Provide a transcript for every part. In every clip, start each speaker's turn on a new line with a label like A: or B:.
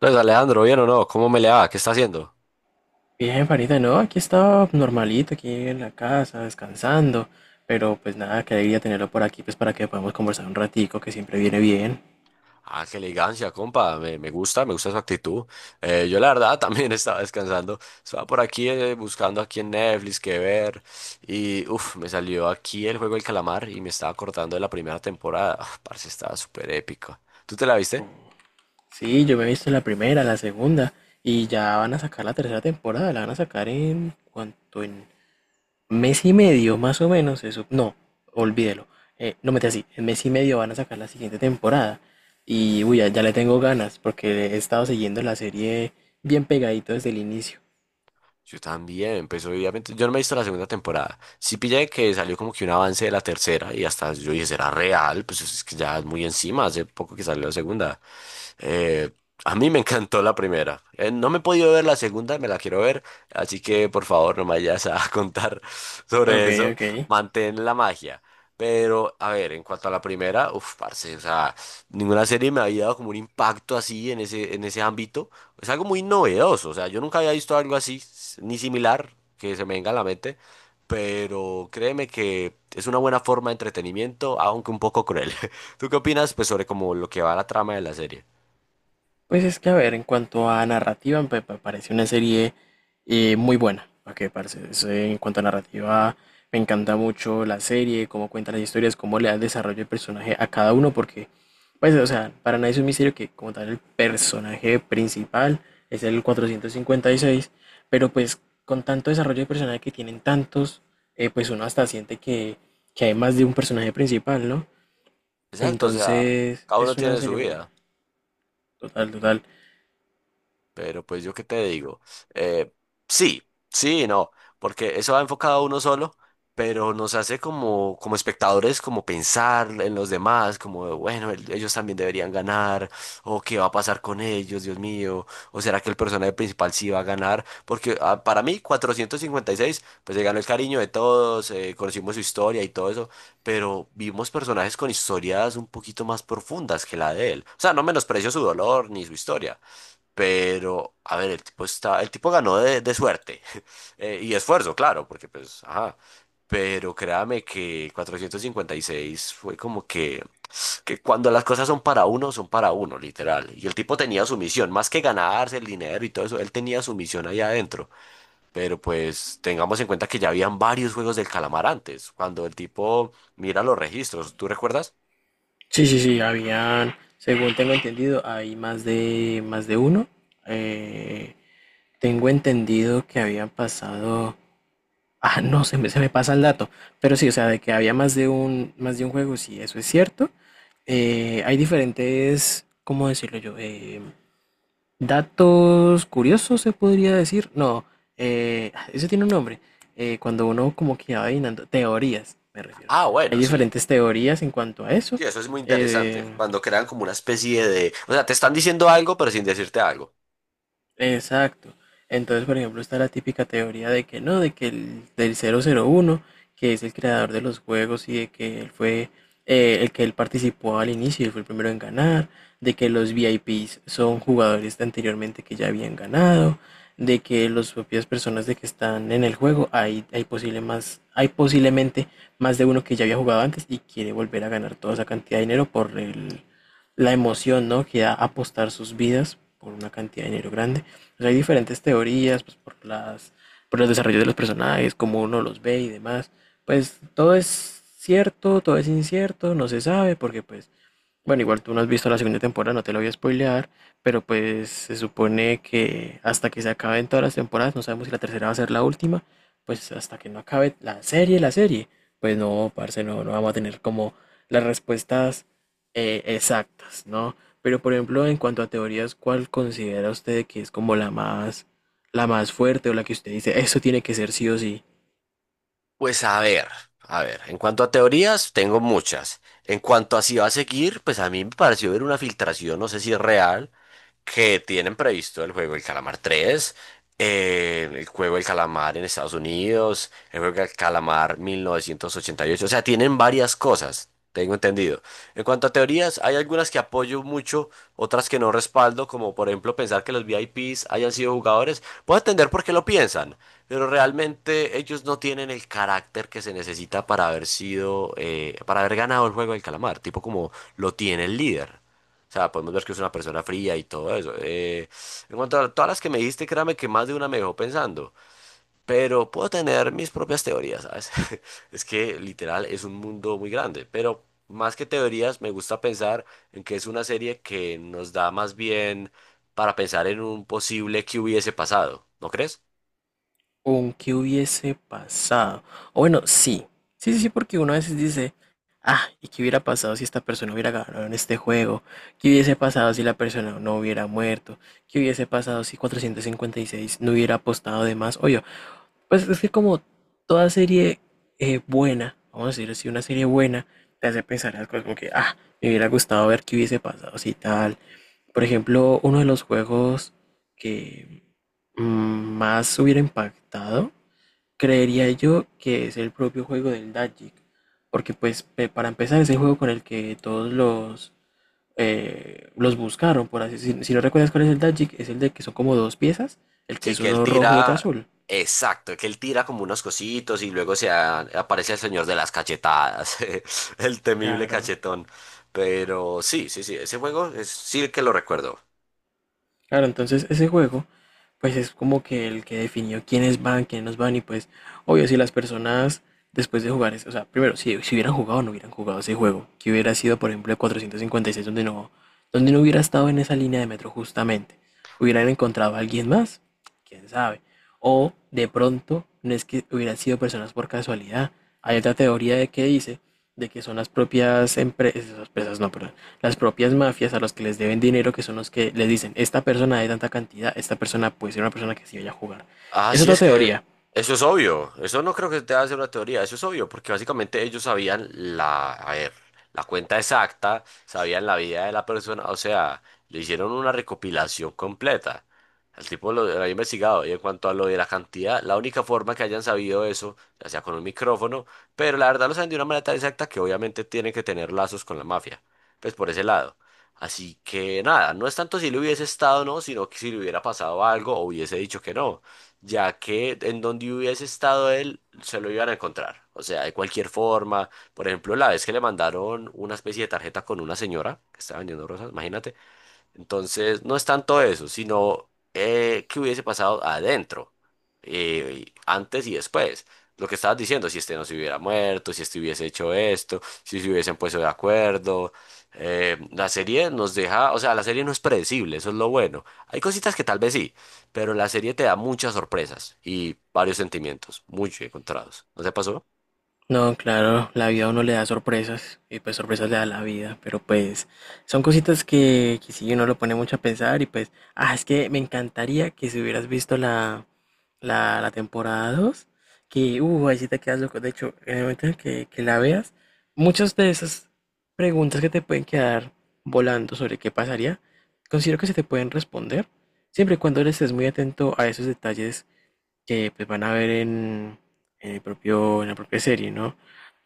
A: Entonces Alejandro, ¿bien o no? ¿Cómo me le va? ¿Qué está haciendo?
B: Bien, Farita, no, aquí estaba normalito, aquí en la casa, descansando, pero pues nada, qué alegría tenerlo por aquí, pues para que podamos conversar un ratico, que siempre viene bien.
A: Ah, qué elegancia, compa. Me gusta, me gusta su actitud. Yo la verdad también estaba descansando. Estaba por aquí buscando aquí en Netflix qué ver. Y uff, me salió aquí el juego del calamar y me estaba acordando de la primera temporada. Ah, parce, estaba súper épico. ¿Tú te la viste?
B: Sí, yo me he visto la primera, la segunda, y ya van a sacar la tercera temporada, la van a sacar en cuanto en mes y medio, más o menos, eso, no, olvídelo. No mete así, en mes y medio van a sacar la siguiente temporada, y uy, ya, ya le tengo ganas, porque he estado siguiendo la serie bien pegadito desde el inicio.
A: Yo también, pues obviamente yo no me he visto la segunda temporada. Sí pillé que salió como que un avance de la tercera y hasta yo dije, ¿será real? Pues es que ya es muy encima, hace poco que salió la segunda. Eh, a mí me encantó la primera. No me he podido ver la segunda, me la quiero ver. Así que por favor no me vayas a contar sobre
B: Ok,
A: eso.
B: ok.
A: Mantén la magia. Pero, a ver, en cuanto a la primera, uff, parce, o sea, ninguna serie me había dado como un impacto así en ese ámbito. Es algo muy novedoso, o sea, yo nunca había visto algo así, ni similar, que se me venga a la mente. Pero créeme que es una buena forma de entretenimiento, aunque un poco cruel. ¿Tú qué opinas, pues, sobre como lo que va la trama de la serie?
B: Pues es que, a ver, en cuanto a narrativa, me parece una serie muy buena. ¿Para qué, parce? Es, en cuanto a narrativa, me encanta mucho la serie, cómo cuenta las historias, cómo le da el desarrollo del personaje a cada uno, porque, pues, o sea, para nadie es un misterio que, como tal, el personaje principal es el 456, pero pues con tanto desarrollo de personaje que tienen tantos, pues uno hasta siente que, hay más de un personaje principal, ¿no?
A: Exacto, o sea,
B: Entonces,
A: cada uno
B: es una
A: tiene su
B: serie muy buena.
A: vida.
B: Total, total.
A: Pero pues yo qué te digo, eh, sí, sí, y no, porque eso va enfocado a uno solo, pero nos hace como, como espectadores, como pensar en los demás, como, bueno, ellos también deberían ganar, o qué va a pasar con ellos, Dios mío, o será que el personaje principal sí va a ganar, porque ah, para mí 456, pues se ganó el cariño de todos, conocimos su historia y todo eso, pero vimos personajes con historias un poquito más profundas que la de él, o sea, no menosprecio su dolor ni su historia, pero, a ver, el tipo está, el tipo ganó de suerte. Y esfuerzo, claro, porque pues, ajá. Pero créame que 456 fue como que cuando las cosas son para uno, literal. Y el tipo tenía su misión, más que ganarse el dinero y todo eso, él tenía su misión ahí adentro. Pero pues tengamos en cuenta que ya habían varios juegos del calamar antes, cuando el tipo mira los registros, ¿tú recuerdas?
B: Sí, sí, sí, habían, según tengo entendido, hay más de uno. Eh, Tengo entendido que habían pasado, ah, no, se me pasa el dato, pero sí, o sea, de que había más de un juego, sí, eso es cierto. Hay diferentes, ¿cómo decirlo yo? Datos curiosos, se podría decir. No, eso tiene un nombre. Cuando uno como que va adivinando, teorías, me refiero.
A: Ah,
B: Hay
A: bueno, sí.
B: diferentes teorías en cuanto a eso.
A: Sí, eso es muy
B: Eh,
A: interesante. Cuando crean como una especie de, o sea, te están diciendo algo, pero sin decirte algo.
B: Exacto. Entonces, por ejemplo, está la típica teoría de que no, de que el del 001, que es el creador de los juegos, y de que él fue el que él participó al inicio y fue el primero en ganar, de que los VIPs son jugadores de anteriormente que ya habían ganado, de que las propias personas de que están en el juego hay posiblemente más de uno que ya había jugado antes y quiere volver a ganar toda esa cantidad de dinero por la emoción, ¿no? Que da apostar sus vidas por una cantidad de dinero grande. Pues hay diferentes teorías, pues por los desarrollos de los personajes, cómo uno los ve y demás. Pues todo es cierto, todo es incierto, no se sabe, porque pues bueno, igual tú no has visto la segunda temporada, no te lo voy a spoilear, pero pues se supone que hasta que se acaben todas las temporadas, no sabemos si la tercera va a ser la última, pues hasta que no acabe la serie, pues no, parce, no, no vamos a tener como las respuestas exactas, ¿no? Pero por ejemplo, en cuanto a teorías, ¿cuál considera usted que es como la más fuerte, o la que usted dice, eso tiene que ser sí o sí?
A: Pues a ver, a ver. En cuanto a teorías, tengo muchas. En cuanto a si va a seguir, pues a mí me pareció ver una filtración, no sé si es real, que tienen previsto el juego El Calamar 3, el juego El Calamar en Estados Unidos, el juego El Calamar 1988. O sea, tienen varias cosas, tengo entendido. En cuanto a teorías, hay algunas que apoyo mucho, otras que no respaldo, como por ejemplo pensar que los VIPs hayan sido jugadores. Puedo entender por qué lo piensan, pero realmente ellos no tienen el carácter que se necesita para haber sido, para haber ganado el juego del calamar, tipo como lo tiene el líder. O sea, podemos ver que es una persona fría y todo eso. En cuanto a todas las que me dijiste, créame que más de una me dejó pensando. Pero puedo tener mis propias teorías, ¿sabes? Es que literal es un mundo muy grande, pero más que teorías me gusta pensar en que es una serie que nos da más bien para pensar en un posible que hubiese pasado, ¿no crees?
B: Con qué hubiese pasado. O bueno, sí. Sí, sí, sí, porque uno a veces dice, ah, ¿y qué hubiera pasado si esta persona hubiera ganado en este juego? ¿Qué hubiese pasado si la persona no hubiera muerto? ¿Qué hubiese pasado si 456 no hubiera apostado de más? Oye, pues es que como toda serie buena, vamos a decir así, una serie buena, te hace pensar en las cosas como que, ah, me hubiera gustado ver qué hubiese pasado si tal. Por ejemplo, uno de los juegos que más hubiera impactado, creería yo que es el propio juego del Magic, porque pues para empezar es el juego con el que todos los buscaron, por así si no recuerdas cuál es el Magic, es el de que son como dos piezas, el que
A: Sí,
B: es
A: que él
B: uno rojo y otro
A: tira,
B: azul.
A: exacto, que él tira como unos cositos y luego se aparece el señor de las cachetadas, el temible
B: Claro,
A: cachetón. Pero sí, sí, sí, ese juego es sí que lo recuerdo.
B: claro, entonces ese juego pues es como que el que definió quiénes van, quiénes nos van, y pues obvio si las personas después de jugar, o sea, primero si hubieran jugado o no hubieran jugado ese juego, que hubiera sido por ejemplo el 456 donde no hubiera estado en esa línea de metro justamente, hubieran encontrado a alguien más, quién sabe, o de pronto no es que hubieran sido personas por casualidad. Hay otra teoría de que dice de que son las propias empresas, empresas no, pero las propias mafias a los que les deben dinero, que son los que les dicen, esta persona de tanta cantidad, esta persona puede ser una persona que sí vaya a jugar.
A: Ah,
B: Es
A: sí,
B: otra
A: es que
B: teoría.
A: eso es obvio. Eso no creo que te hacer una teoría. Eso es obvio, porque básicamente ellos sabían la, a ver, la cuenta exacta, sabían la vida de la persona. O sea, le hicieron una recopilación completa. El tipo lo había investigado. Y en cuanto a lo de la cantidad, la única forma que hayan sabido eso, ya sea con un micrófono, pero la verdad lo saben de una manera tan exacta que obviamente tienen que tener lazos con la mafia. Pues por ese lado. Así que nada, no es tanto si le hubiese estado o no, sino que si le hubiera pasado algo o hubiese dicho que no, ya que en donde hubiese estado él, se lo iban a encontrar. O sea, de cualquier forma, por ejemplo, la vez que le mandaron una especie de tarjeta con una señora que estaba vendiendo rosas, imagínate, entonces, no es tanto eso, sino qué hubiese pasado adentro, antes y después. Lo que estabas diciendo, si este no se hubiera muerto, si este hubiese hecho esto, si se hubiesen puesto de acuerdo. La serie nos deja, o sea, la serie no es predecible, eso es lo bueno. Hay cositas que tal vez sí, pero la serie te da muchas sorpresas y varios sentimientos, muy encontrados. ¿No te pasó?
B: No, claro, la vida a uno le da sorpresas y pues sorpresas le da la vida, pero pues son cositas que sí uno lo pone mucho a pensar, y pues, ah, es que me encantaría que si hubieras visto la temporada 2 que, ahí sí te quedas loco. De hecho, en el momento en que, la veas, muchas de esas preguntas que te pueden quedar volando sobre qué pasaría, considero que se te pueden responder, siempre y cuando le estés muy atento a esos detalles que pues, van a ver en el propio, en la propia serie, ¿no?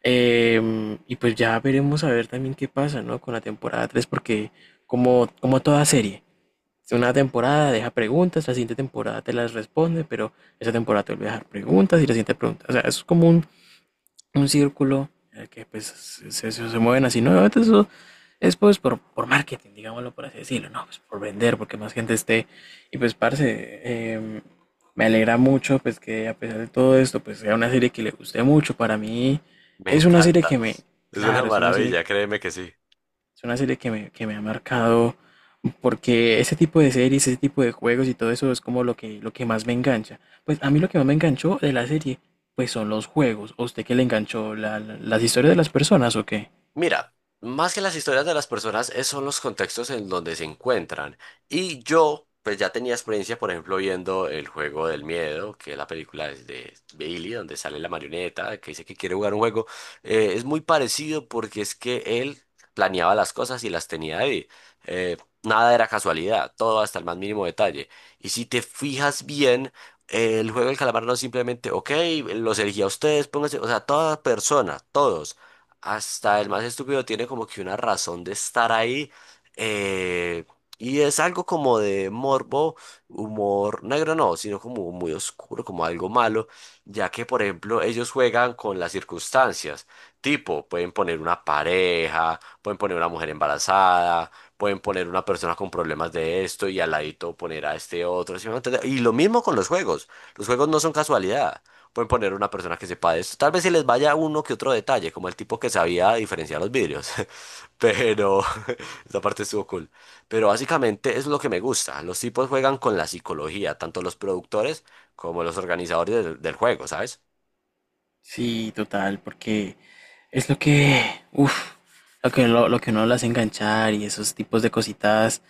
B: Y pues ya veremos a ver también qué pasa, ¿no? Con la temporada tres, porque como toda serie, una temporada deja preguntas, la siguiente temporada te las responde, pero esa temporada te vuelve a dejar preguntas y la siguiente pregunta. O sea, es como un círculo en el que pues, se mueven así, ¿no? Obviamente eso es pues por marketing, digámoslo por así decirlo, ¿no? Pues por vender, porque más gente esté. Y pues, parce, eh, me alegra mucho pues que a pesar de todo esto, pues sea una serie que le guste mucho. Para mí
A: Me
B: es una serie
A: encanta.
B: que me,
A: Es una
B: claro,
A: maravilla, créeme que sí.
B: es una serie que me ha marcado, porque ese tipo de series, ese tipo de juegos y todo eso es como lo que, más me engancha. Pues a mí lo que más me enganchó de la serie, pues son los juegos. ¿A usted qué le enganchó? ¿Las historias de las personas o qué?
A: Mira, más que las historias de las personas, son los contextos en donde se encuentran. Y yo, pues ya tenía experiencia, por ejemplo, viendo El Juego del Miedo, que es la película de Billy, donde sale la marioneta, que dice que quiere jugar un juego. Es muy parecido porque es que él planeaba las cosas y las tenía ahí. Eh, nada era casualidad, todo hasta el más mínimo detalle. Y si te fijas bien, el juego del calamar no es simplemente, ok, los elegí a ustedes, pónganse, o sea, toda persona, todos. Hasta el más estúpido tiene como que una razón de estar ahí. eh, y es algo como de morbo, humor negro no, sino como muy oscuro, como algo malo, ya que por ejemplo ellos juegan con las circunstancias. Tipo, pueden poner una pareja, pueden poner una mujer embarazada, pueden poner una persona con problemas de esto y al ladito poner a este otro. ¿Sí me va a entender? Y lo mismo con los juegos. Los juegos no son casualidad. Pueden poner una persona que sepa de esto. Tal vez se les vaya uno que otro detalle, como el tipo que sabía diferenciar los vidrios. Pero esa parte estuvo cool. Pero básicamente es lo que me gusta. Los tipos juegan con la psicología, tanto los productores como los organizadores del juego, ¿sabes?
B: Sí, total, porque es lo que, uff, lo que uno las hace enganchar, y esos tipos de cositas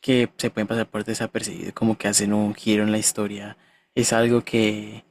B: que se pueden pasar por desapercibido, como que hacen un giro en la historia. Es algo que,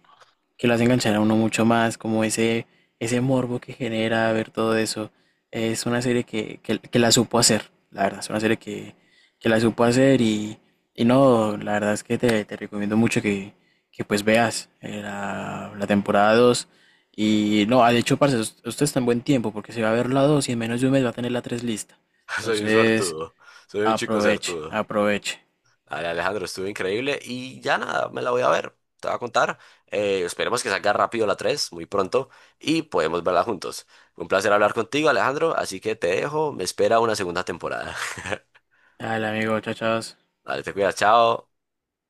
B: lo hace enganchar a uno mucho más, como ese morbo que genera ver todo eso. Es una serie que, que la supo hacer, la verdad, es una serie que, la supo hacer, y no, la verdad es que te recomiendo mucho que, pues veas la temporada dos, y no, ah, de hecho, parce, usted está en buen tiempo porque se va a ver la 2 y en menos de un mes va a tener la 3 lista.
A: Soy un
B: Entonces,
A: suertudo. Soy un chico
B: aproveche,
A: suertudo.
B: aproveche.
A: Dale, Alejandro, estuvo increíble y ya nada, me la voy a ver, te voy a contar. Esperemos que salga rápido la 3 muy pronto, y podemos verla juntos. Un placer hablar contigo, Alejandro, así que te dejo, me espera una segunda temporada.
B: Dale, amigo, chao, chao.
A: Dale, te cuidas, chao.